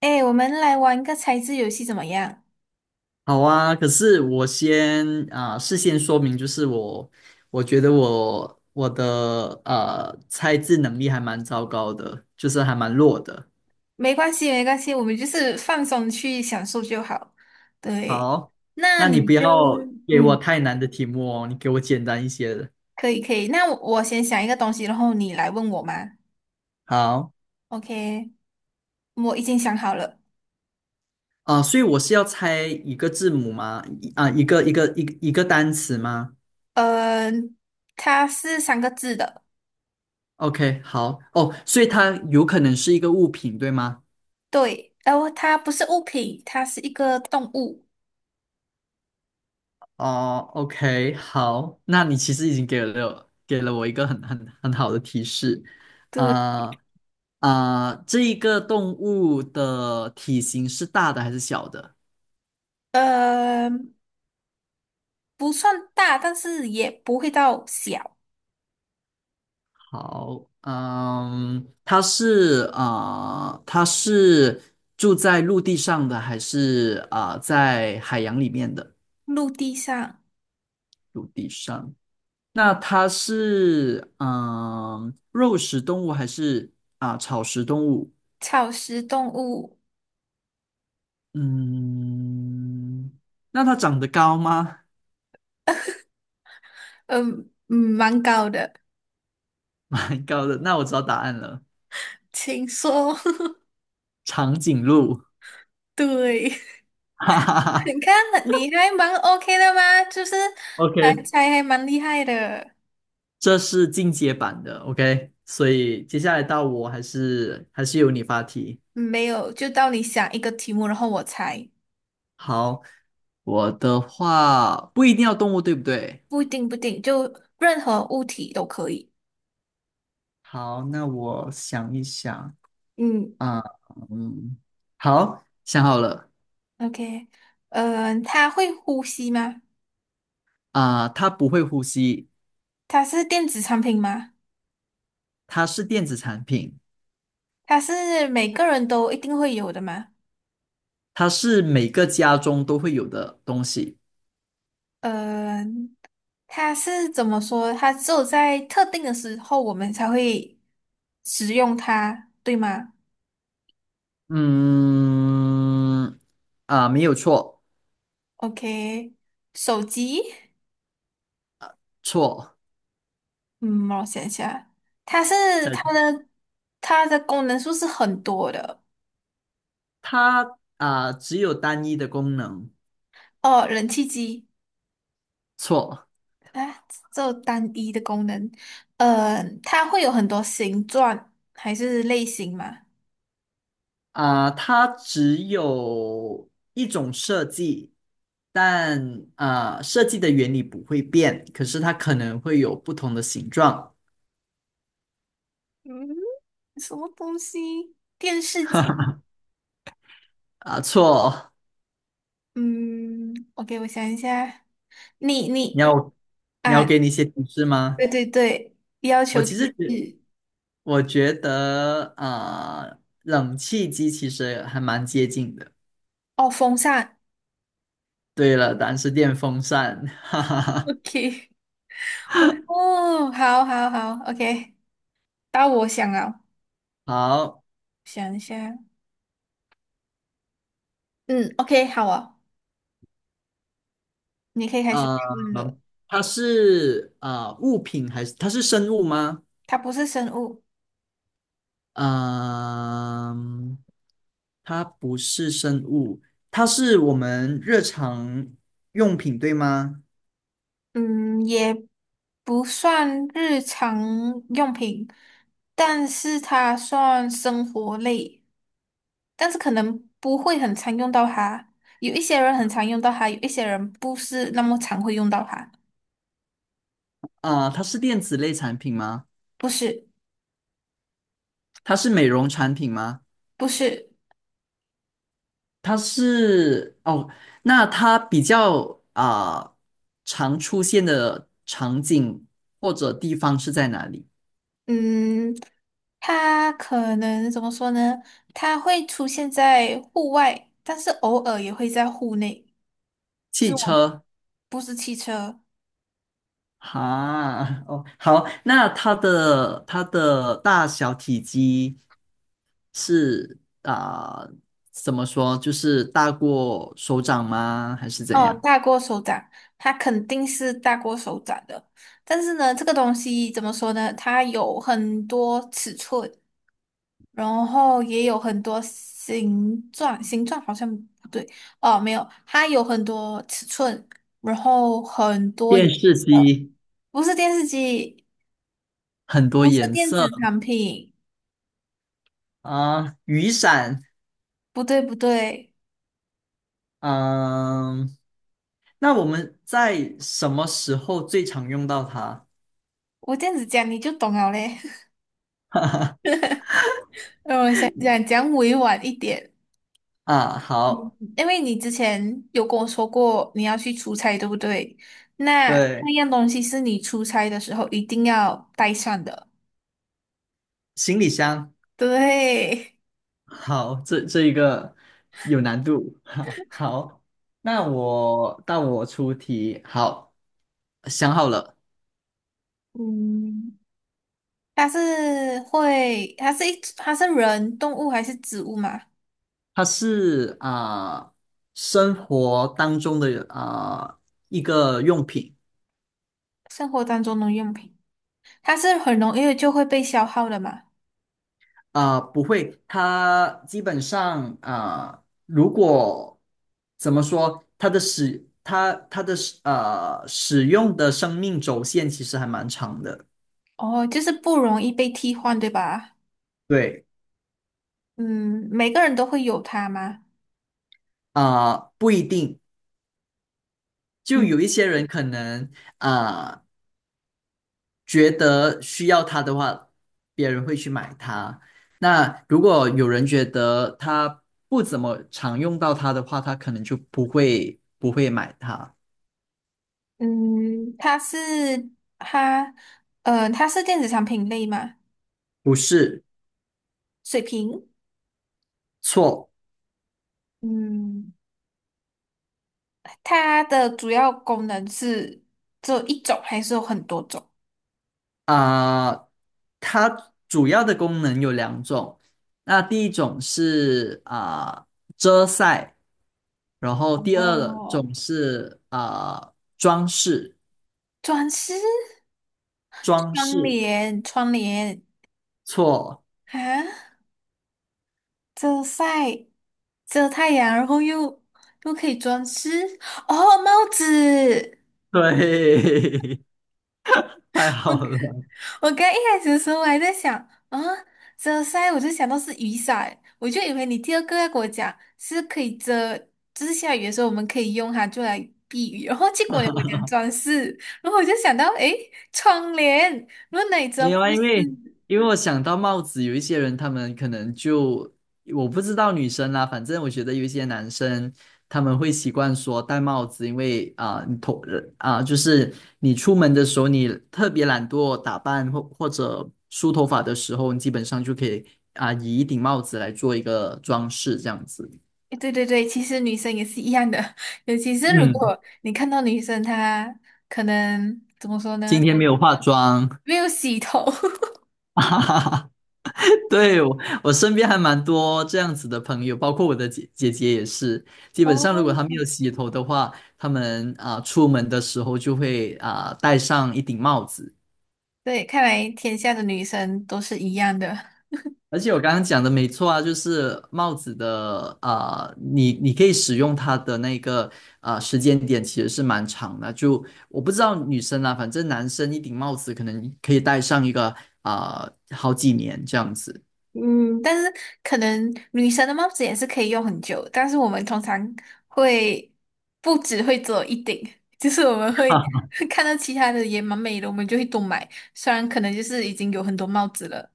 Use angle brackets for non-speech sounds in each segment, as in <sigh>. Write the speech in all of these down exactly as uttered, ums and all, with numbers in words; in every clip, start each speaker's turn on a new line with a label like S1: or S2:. S1: 哎，我们来玩个猜字游戏怎么样？
S2: 好啊，可是我先啊、事先说明，就是我我觉得我我的呃猜字能力还蛮糟糕的，就是还蛮弱的。
S1: 没关系，没关系，我们就是放松去享受就好。对，
S2: 好，
S1: 那
S2: 那你
S1: 你
S2: 不
S1: 就
S2: 要给我
S1: 嗯，
S2: 太难的题目哦，你给我简单一些的。
S1: 可以可以。那我我先想一个东西，然后你来问我嘛。
S2: 好
S1: OK，我已经想好了。
S2: 啊、所以我是要猜一个字母吗？一啊、一个一个一个一个单词吗
S1: 呃，它是三个字的，
S2: ？OK，好哦，所以它有可能是一个物品，对吗？
S1: 对，然后它不是物品，它是一个动物。
S2: 哦，OK，好，那你其实已经给了给了我一个很很很好的提示。
S1: 对，
S2: 呃呃，这一个动物的体型是大的还是小的？
S1: 呃，不算大，但是也不会到小。
S2: 好，嗯，它是呃，它是住在陆地上的还是呃在海洋里面的？
S1: 陆地上，
S2: 陆地上，那它是嗯、呃肉食动物还是啊、草食动物？
S1: 草食动物。
S2: 嗯，那它长得高吗？<laughs>
S1: 嗯嗯，蛮高的，
S2: 蛮高的，那我知道答案了，
S1: 请说。<laughs>
S2: 长颈鹿。
S1: 对，
S2: <laughs> 哈哈
S1: <laughs>
S2: 哈。
S1: 你看你还蛮 OK 的吗？就是还
S2: OK，
S1: 猜还蛮厉害的。嗯
S2: 这是进阶版的。OK，所以接下来到我还是还是由你发题。
S1: 没有，就到你想一个题目，然后我猜，
S2: 好，我的话不一定要动物，对不对？
S1: 不一定不一定，就任何物体都可以。
S2: 好，那我想一想
S1: 嗯
S2: 啊。嗯，好，想好了。
S1: ，OK，嗯、呃，它会呼吸吗？
S2: 啊，它不会呼吸。
S1: 它是电子产品吗？
S2: 它是电子产品。
S1: 它是每个人都一定会有的吗？
S2: 它是每个家中都会有的东西。
S1: 呃，它是怎么说？它只有在特定的时候，我们才会使用它，对吗
S2: 嗯，啊，没有错。
S1: ？OK，手机，
S2: 错，
S1: 嗯，让我想一下，它是
S2: 再
S1: 它
S2: 讲。
S1: 的它的功能数是很多的。
S2: 它啊只有单一的功能。
S1: 哦，冷气机
S2: 错
S1: 啊，只有单一的功能。呃，它会有很多形状还是类型吗？
S2: 啊，它只有一种设计，但啊设计的原理不会变，可是它可能会有不同的形状
S1: 嗯，什么东西？电视机。
S2: 啊。错，
S1: 嗯，OK，我想一下，你
S2: 你
S1: 你
S2: 要你要
S1: 啊，
S2: 给你一些提示
S1: 对
S2: 吗？
S1: 对对，要
S2: 我
S1: 求
S2: 其
S1: 提
S2: 实觉
S1: 示
S2: 我觉得啊，呃冷气机其实还蛮接近的。
S1: 哦，风扇
S2: 对了，答案是电风扇。<laughs>
S1: ，OK，<laughs> 哦，好好好，OK，到我想了，
S2: 好，
S1: 想一下，嗯，OK，好啊，你可以开始发
S2: 呃，
S1: 问了。
S2: 它是啊呃物品还是它是生物吗？
S1: 它不是生物，
S2: 嗯、它不是生物，它是我们日常用品，对吗？
S1: 嗯，也不算日常用品，但是它算生活类。但是可能不会很常用到它。有一些人很常用到它，有一些人不是那么常会用到它。
S2: 啊、它是电子类产品吗？
S1: 不是，
S2: 它是美容产品吗？
S1: 不是，
S2: 它是哦，那它比较啊、常出现的场景或者地方是在哪里？
S1: 嗯，它可能怎么说呢？它会出现在户外，但是偶尔也会在户内。
S2: 汽
S1: 就我
S2: 车
S1: 不是汽车
S2: 哈。哦，好，那它的它的大小体积是啊、怎么说？就是大过手掌吗？还是怎
S1: 哦，
S2: 样？
S1: 大过手掌，它肯定是大过手掌的。但是呢，这个东西怎么说呢？它有很多尺寸。然后也有很多形状，形状好像不对哦，没有，它有很多尺寸，然后很多颜
S2: 电视
S1: 色，
S2: 机。
S1: 不是电视机，
S2: 很多
S1: 不是
S2: 颜
S1: 电子
S2: 色。
S1: 产品，
S2: 啊、雨伞。
S1: 不对不对，
S2: 嗯、那我们在什么时候最常用到它？
S1: 我这样子讲你就懂了嘞。
S2: <laughs>
S1: <laughs> 让我想想，讲委婉一点，
S2: 啊，
S1: 嗯
S2: 好，
S1: 因为你之前有跟我说过你要去出差，对不对？那
S2: 对，
S1: 那样东西是你出差的时候一定要带上的，
S2: 行李箱。
S1: 对。
S2: 好，这这一个有难度。<laughs> 好，好，那我到我出题，好，想好了。
S1: 嗯。它是会，它是一，它是人、动物还是植物嘛？
S2: 它是啊、生活当中的啊、一个用品。
S1: 生活当中的用品，它是很容易就会被消耗的嘛？
S2: 啊，不会，它基本上啊、呃如果怎么说，它的使它它的使呃使用的生命轴线其实还蛮长的。
S1: 哦，就是不容易被替换，对吧？
S2: 对，
S1: 嗯，每个人都会有它吗？
S2: 啊、呃不一定，就
S1: 嗯，
S2: 有一些人可能啊、呃觉得需要它的话，别人会去买它。那如果有人觉得他不怎么常用到它的话，他可能就不会不会买它。
S1: 嗯，它是它，呃，它是电子产品类嘛？
S2: 不是。
S1: 水瓶，
S2: 错。
S1: 嗯，它的主要功能是只有一种，还是有很多种？
S2: 啊、它主要的功能有两种。那第一种是啊、遮晒，然后第二
S1: 哦，
S2: 种是啊、装饰。
S1: 装饰
S2: 装
S1: 窗
S2: 饰。
S1: 帘窗帘
S2: 错。
S1: 啊，遮晒遮太阳，然后又又可以装饰哦，帽子。
S2: 对，<laughs> 太好了。
S1: 我刚一开始的时候我还在想啊，遮晒我就想到是雨伞，我就以为你第二个要给我讲是可以遮，就是下雨的时候我们可以用它就来避雨，然后结果你跟我讲装饰，然后我就想到诶，窗帘，然后哪里知道
S2: 没有
S1: 不
S2: 啊，因为
S1: 是？
S2: 因为我想到帽子。有一些人他们可能就我不知道女生啦，反正我觉得有一些男生他们会习惯说戴帽子，因为啊、你头啊、就是你出门的时候，你特别懒惰打扮或或者梳头发的时候，你基本上就可以啊、以一顶帽子来做一个装饰这样子。
S1: 诶对对对，其实女生也是一样的，<laughs> 尤其是如
S2: 嗯，
S1: 果你看到女生她可能怎么说
S2: 今
S1: 呢，
S2: 天没有化妆。
S1: 没有洗头，
S2: <laughs> 哈哈哈。<laughs> 对，我我身边还蛮多这样子的朋友，包括我的姐姐姐也是。
S1: <laughs>
S2: 基本
S1: 哦，
S2: 上，如果她没有洗头的话，他们啊、出门的时候就会啊、戴上一顶帽子。
S1: 对，看来天下的女生都是一样的。
S2: 而且我刚刚讲的没错啊，就是帽子的啊、你你可以使用它的那个啊、时间点其实是蛮长的。就我不知道女生啦，反正男生一顶帽子可能可以戴上一个啊、好几年这样子。
S1: 嗯，但是可能女生的帽子也是可以用很久，但是我们通常会不只会做一顶，<laughs> 就是我们会
S2: <laughs>
S1: <laughs> 看到其他的也蛮美的，我们就会多买。虽然可能就是已经有很多帽子了。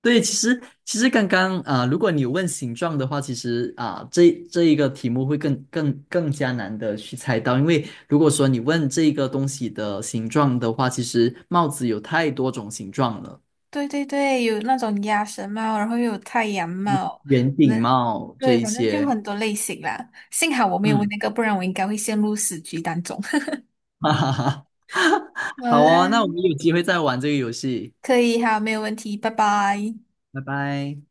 S2: 对，其实其实刚刚啊、如果你问形状的话，其实啊、这这一个题目会更更更加难的去猜到，因为如果说你问这个东西的形状的话，其实帽子有太多种形状了。
S1: 对对对，有那种鸭舌帽，然后又有太阳帽，
S2: 圆
S1: 那
S2: 顶帽这
S1: 对，
S2: 一
S1: 反正就
S2: 些。
S1: 很多类型啦。幸好我没有问
S2: 嗯。
S1: 那个，不然我应该会陷入死局当中。<laughs>
S2: <laughs> 哈哈哈。
S1: 好
S2: <laughs> 好
S1: 啦，
S2: 哦，那我们有机会再玩这个游戏。
S1: 可以，好，没有问题，拜拜。
S2: 拜拜。